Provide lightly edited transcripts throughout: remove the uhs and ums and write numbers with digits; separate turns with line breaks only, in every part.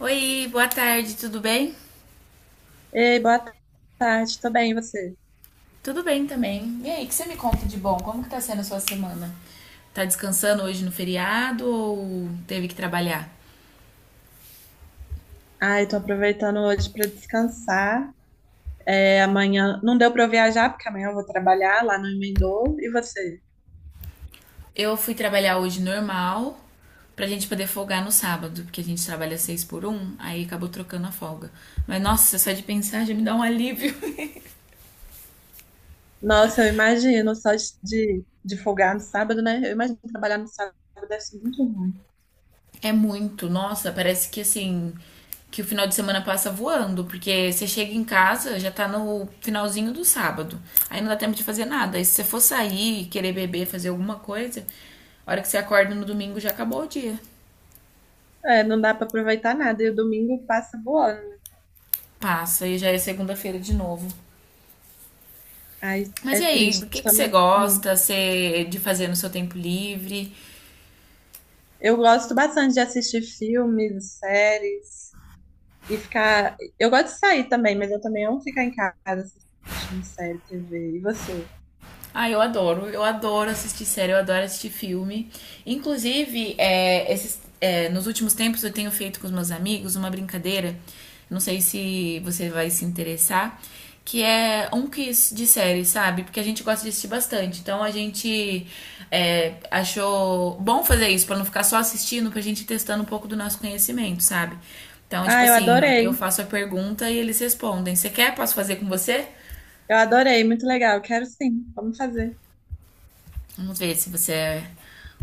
Oi, boa tarde, tudo bem?
Ei, boa tarde, tô bem, e você?
Tudo bem também. E aí, o que você me conta de bom? Como que tá sendo a sua semana? Tá descansando hoje no feriado ou teve que trabalhar?
Ai, tô aproveitando hoje pra descansar. É, amanhã não deu pra eu viajar, porque amanhã eu vou trabalhar lá no Emendou. E você?
Eu fui trabalhar hoje normal pra gente poder folgar no sábado, porque a gente trabalha seis por um, aí acabou trocando a folga. Mas nossa, só de pensar já me dá um alívio.
Nossa, eu imagino, só de, de folgar no sábado, né? Eu imagino que trabalhar no sábado deve ser muito ruim.
É muito, nossa, parece que assim, que o final de semana passa voando, porque você chega em casa, já tá no finalzinho do sábado. Aí não dá tempo de fazer nada. Aí se você for sair, querer beber, fazer alguma coisa, a hora que você acorda no domingo já acabou o dia.
É, não dá pra aproveitar nada, e o domingo passa voando.
Passa e já é segunda-feira de novo.
Ai,
Mas
é
e aí, do
triste
que você
também. Hum.
gosta você, de fazer no seu tempo livre?
Eu gosto bastante de assistir filmes, séries. E ficar. Eu gosto de sair também, mas eu também amo ficar em casa assistindo série, TV. E você?
Ah, eu adoro. Eu adoro assistir série, eu adoro assistir filme. Inclusive, esses, nos últimos tempos eu tenho feito com os meus amigos uma brincadeira. Não sei se você vai se interessar. Que é um quiz de série, sabe? Porque a gente gosta de assistir bastante. Então a gente achou bom fazer isso, pra não ficar só assistindo, pra gente ir testando um pouco do nosso conhecimento, sabe? Então, tipo
Ah, eu
assim, eu
adorei.
faço a pergunta e eles respondem. Você quer? Posso fazer com você?
Eu adorei, muito legal. Quero sim. Vamos fazer.
Vamos ver se você é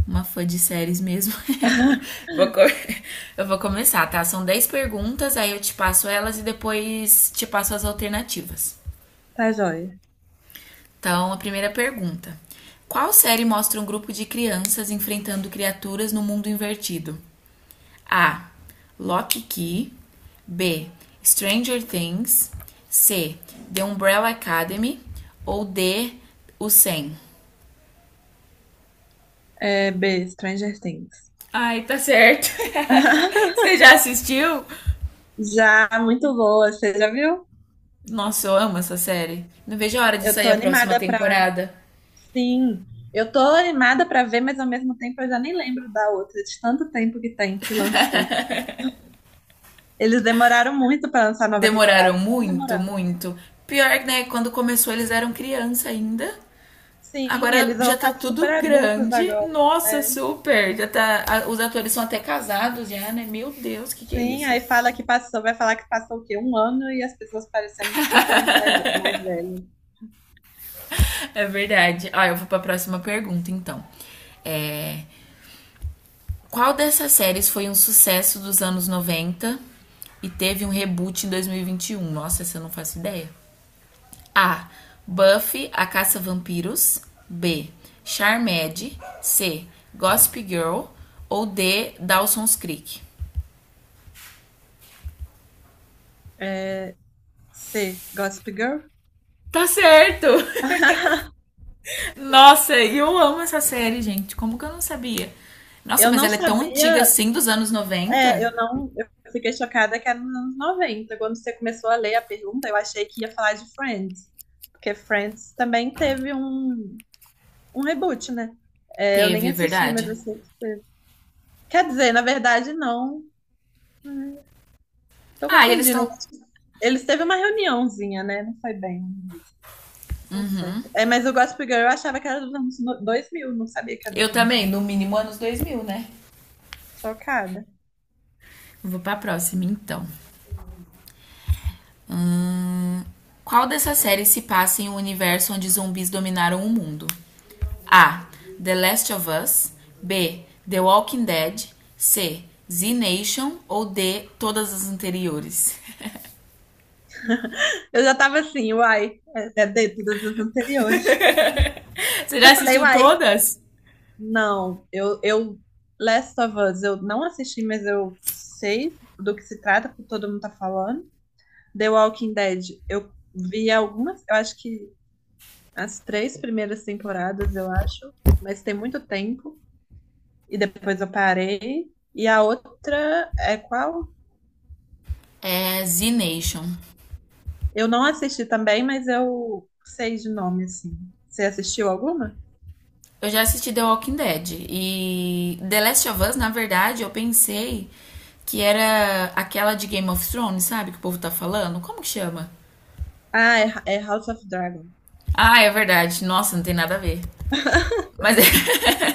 uma fã de séries mesmo. Vou co- eu vou começar, tá? São 10 perguntas, aí eu te passo elas e depois te passo as alternativas.
Tá joia.
Então, a primeira pergunta. Qual série mostra um grupo de crianças enfrentando criaturas no mundo invertido? A. Lock Key. B. Stranger Things. C. The Umbrella Academy. Ou D. O 100.
É, B, Stranger Things.
Ai, tá certo. Você já assistiu?
Já, muito boa. Você já viu?
Nossa, eu amo essa série. Não vejo a hora de
Eu tô
sair a próxima
animada pra.
temporada.
Sim. Eu tô animada pra ver, mas ao mesmo tempo eu já nem lembro da outra, de tanto tempo que tem que lançou. Eles demoraram muito pra lançar a nova temporada.
Demoraram
Estão
muito,
demorando.
muito. Pior, né? Quando começou, eles eram criança ainda.
Sim,
Agora
eles vão
já tá
estar super
tudo
adultos
grande.
agora.
Nossa,
É.
super! Já tá, os atores são até casados já, né? Meu Deus, o que, que é
Sim,
isso?
aí fala que passou, vai falar que passou o quê? Um ano e as pessoas parecendo 5 anos mais velho.
É verdade. Ah, eu vou pra próxima pergunta, então. É, qual dessas séries foi um sucesso dos anos 90 e teve um reboot em dois mil e vinte e um? Nossa, essa eu não faço ideia. A. Buffy, a caça-vampiros. B. Charmed. C. Gossip Girl. Ou D. Dawson's Creek.
É, C, Gossip Girl?
Tá certo! Nossa, eu amo essa série, gente. Como que eu não sabia? Nossa,
Eu
mas
não
ela é tão antiga
sabia,
assim, dos anos
é,
90?
eu não, eu fiquei chocada que era nos anos 90. Quando você começou a ler a pergunta, eu achei que ia falar de Friends, porque Friends também teve um reboot, né? É, eu
Teve,
nem
é
assisti, mas
verdade?
eu sei que teve. Quer dizer, na verdade, não. Tô
Ah, e eles
confundindo.
estão.
Eles teve uma reuniãozinha, né? Não foi bem. Tá certo. É, mas o Gossip Girl eu achava que era dos anos 2000. Não sabia que era dos
Eu
anos
também, no
90.
mínimo anos 2000, né?
Chocada.
Vou pra próxima, então. Qual dessas séries se passa em um universo onde zumbis dominaram o mundo? A. The Last of Us. B. The Walking Dead. C. Z Nation ou D. Todas as anteriores.
Eu já tava assim, uai, é dentro das anteriores.
Você já
Eu falei,
assistiu
uai,
todas?
não, Last of Us, eu não assisti, mas eu sei do que se trata, porque todo mundo tá falando. The Walking Dead, eu vi algumas, eu acho que as três primeiras temporadas, eu acho, mas tem muito tempo. E depois eu parei. E a outra é qual?
É Z Nation.
Eu não assisti também, mas eu sei de nome, assim. Você assistiu alguma?
Eu já assisti The Walking Dead e The Last of Us, na verdade, eu pensei que era aquela de Game of Thrones, sabe? Que o povo tá falando. Como que chama?
Ah, é House of Dragon.
Ah, é verdade. Nossa, não tem nada a ver. Mas é,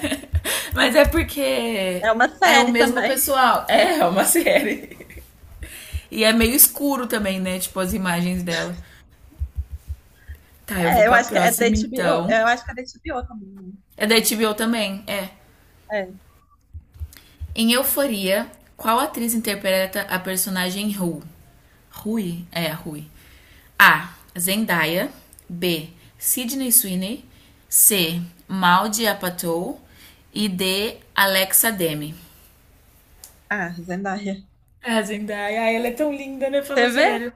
Mas é porque
É uma
é o
série
mesmo
também.
pessoal. É, é uma série. E é meio escuro também, né? Tipo, as imagens dela. Tá, eu vou
É, eu
pra
acho que é da
próxima
HBO.
então.
Eu acho que é da HBO também, né?
É da
Então,
HBO também? É.
é.
Em Euforia, qual atriz interpreta a personagem Rue? Rui? É, Rui. A. Zendaya. B. Sidney Sweeney. C. Maldi Apatow. E D. Alexa Demi.
Ah, Zendaya.
A Zendaya, ela é tão linda, né? Fala
Você vê?
sério.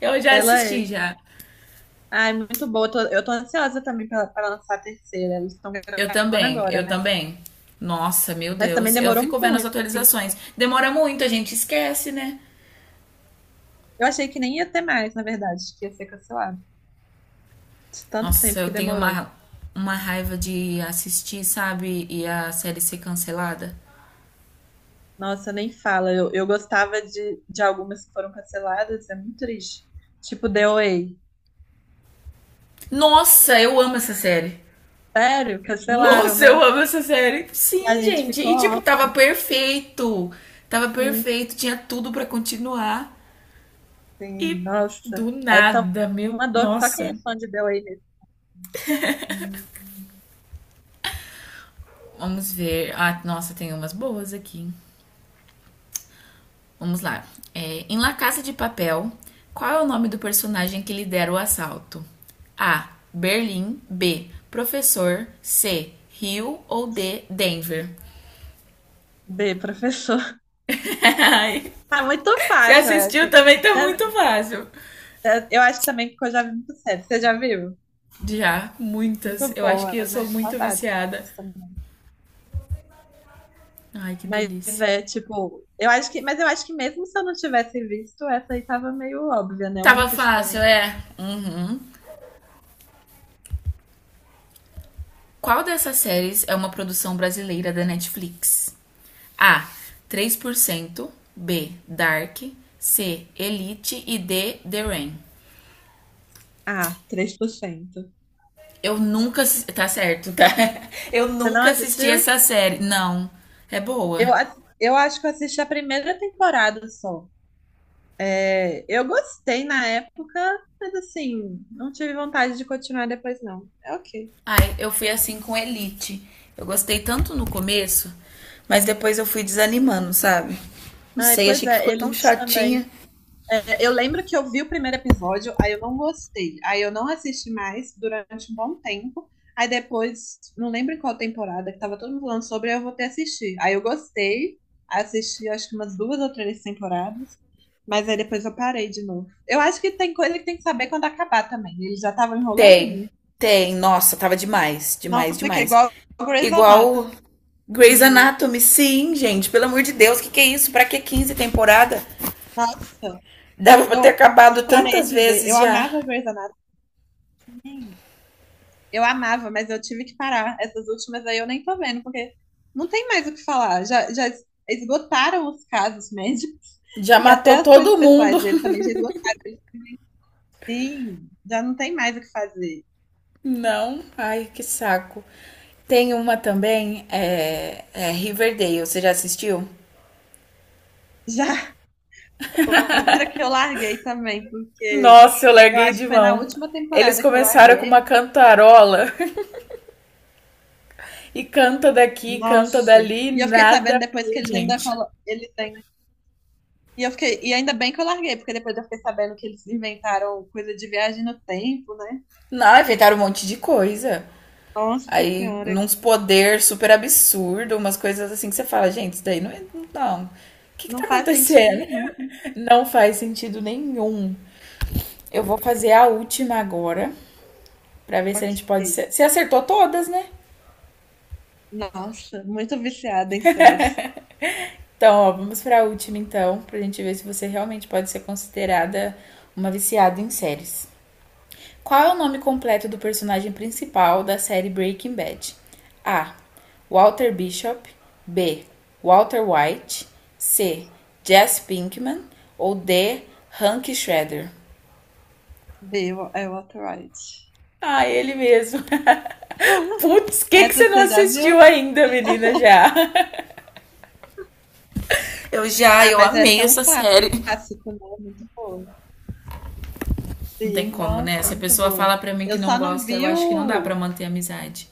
Eu já
Ela
assisti
é.
já.
Ai, muito boa. Eu tô ansiosa também pra lançar a terceira. Eles estão
Eu
gravando
também,
agora,
eu
né?
também. Nossa, meu
Mas também
Deus. Eu
demorou
fico vendo as
muito.
atualizações. Demora muito, a gente esquece, né?
Eu achei que nem ia ter mais, na verdade, que ia ser cancelado. De tanto
Nossa,
tempo
eu
que
tenho
demorou.
uma raiva de assistir, sabe? E a série ser cancelada.
Nossa, nem fala. Eu gostava de algumas que foram canceladas, é muito triste. Tipo The Way.
Nossa, eu amo essa série.
Sério, cancelaram,
Nossa, eu
né?
amo essa série.
E a
Sim,
gente
gente.
ficou
E tipo, tava
órfão.
perfeito. Tava
Sim,
perfeito, tinha tudo pra continuar.
sim.
E do
Nossa, essa
nada,
é
meu.
uma dor que só quem é
Nossa.
fã de The Way mesmo.
Vamos ver. Ah, nossa, tem umas boas aqui. Vamos lá. É, em La Casa de Papel, qual é o nome do personagem que lidera o assalto? A. Berlim. B. Professor. C. Rio ou D. Denver?
B, professor.
Ai,
Ah, muito
Você
fácil essa.
assistiu também tá muito
É-
fácil.
Eu acho também que eu já vi muito sério. Você já viu?
Já, muitas.
Muito
Eu acho
boa,
que eu sou
né?
muito
Saudades.
viciada. Ai, que
Mas
delícia.
é tipo, mas eu acho que mesmo se eu não tivesse visto, essa aí tava meio óbvia, né? A
Tava
única
fácil,
diferença.
é? Uhum. Qual dessas séries é uma produção brasileira da Netflix? A. 3%, B. Dark. C. Elite. E D. The Rain.
Ah, 3%.
Eu nunca. Tá certo, tá? Eu
Você não
nunca assisti
assistiu?
essa série. Não. É boa.
Eu acho que eu assisti a primeira temporada só. É, eu gostei na época, mas assim, não tive vontade de continuar depois, não. É ok.
Ai, eu fui assim com Elite. Eu gostei tanto no começo, mas depois eu fui desanimando, sabe? Não
Ai,
sei,
pois
achei que
é,
ficou tão
Elite também.
chatinha.
É, eu lembro que eu vi o primeiro episódio, aí eu não gostei. Aí eu não assisti mais durante um bom tempo. Aí depois, não lembro em qual temporada que tava todo mundo falando sobre, aí eu voltei ter assistir. Aí eu gostei, assisti acho que umas duas ou três temporadas, mas aí depois eu parei de novo. Eu acho que tem coisa que tem que saber quando acabar também. Eles já estavam enrolando
Tem,
muito.
tem. Nossa, tava demais,
Não
demais,
fica
demais.
igual o Grey's Anatomy.
Igual Grey's Anatomy, sim, gente. Pelo amor de Deus, o que que é isso? Pra que 15 temporada?
Nossa,
Dava pra
eu,
ter acabado
eu parei
tantas
de ver. Eu
vezes já.
amava Grey's Anatomy. Eu amava, mas eu tive que parar. Essas últimas aí eu nem tô vendo, porque não tem mais o que falar. Já, já esgotaram os casos médicos
Já
e até
matou
as coisas
todo mundo.
pessoais dele também já esgotaram. Ele, Sim, já não tem mais o que fazer.
Não. Ai, que saco. Tem uma também, é Riverdale. Você já assistiu?
Já outra que eu larguei também, porque
Nossa, eu
eu
larguei
acho
de
que foi na
mão.
última
Eles
temporada que eu
começaram com
larguei.
uma cantarola e canta daqui, canta
Nossa!
dali,
E eu fiquei
nada
sabendo
a
depois que
ver, gente.
eles ainda e ainda bem que eu larguei, porque depois eu fiquei sabendo que eles inventaram coisa de viagem no tempo, né?
Não, inventaram um monte de coisa.
Nossa
Aí,
Senhora.
num poder super absurdo, umas coisas assim que você fala, gente, isso daí não é. Não. O que que
Não
tá
faz sentido
acontecendo?
nenhum.
Não faz sentido nenhum. Eu vou fazer a última agora, pra ver se a
Ok.
gente pode ser. Você acertou todas, né?
Nossa, muito viciada em séries.
Então, ó, vamos pra última então, pra gente ver se você realmente pode ser considerada uma viciada em séries. Qual é o nome completo do personagem principal da série Breaking Bad? A. Walter Bishop. B. Walter White. C. Jesse Pinkman. Ou D. Hank Shredder.
É Waterworld.
Ah, ele mesmo. Putz, que
Essa
você não
você já
assistiu
viu?
ainda, menina, já? Eu já,
Ah,
eu
mas
amei
essa é um
essa série.
clássico, né? Muito boa.
Não tem
Sim,
como, né?
nossa,
Se a
muito
pessoa
boa.
fala pra mim
Eu
que não
só não
gosta, eu
vi
acho que não dá pra
o.
manter a amizade.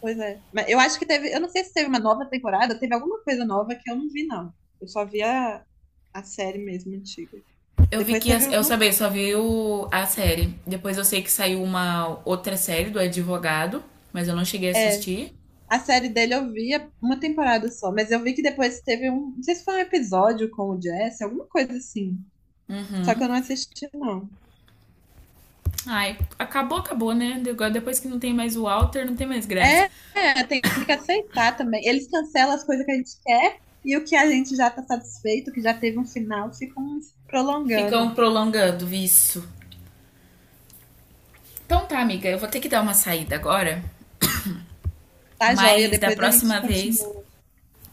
Pois é. Mas eu acho que teve. Eu não sei se teve uma nova temporada, teve alguma coisa nova que eu não vi, não. Eu só vi a série mesmo, antiga.
Eu vi
Depois
que.
teve.
Eu
Não,
sabia, só vi a série. Depois eu sei que saiu uma outra série do Advogado, mas eu não cheguei a
é,
assistir.
a série dele eu via uma temporada só, mas eu vi que depois teve um. Não sei se foi um episódio com o Jesse, alguma coisa assim. Só que eu não assisti, não.
Ai, acabou, acabou, né? Agora, depois que não tem mais o Walter, não tem mais graça.
É, é, tem que aceitar também. Eles cancelam as coisas que a gente quer e o que a gente já tá satisfeito, que já teve um final, ficam prolongando.
Ficam prolongando isso. Então tá, amiga, eu vou ter que dar uma saída agora,
Tá joia,
mas da
depois a gente
próxima vez.
continua.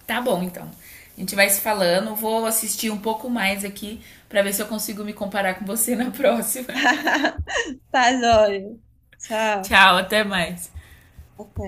Tá bom, então. A gente vai se falando. Vou assistir um pouco mais aqui pra ver se eu consigo me comparar com você na próxima.
Tá joia. Tchau.
Tchau, até mais.
Até.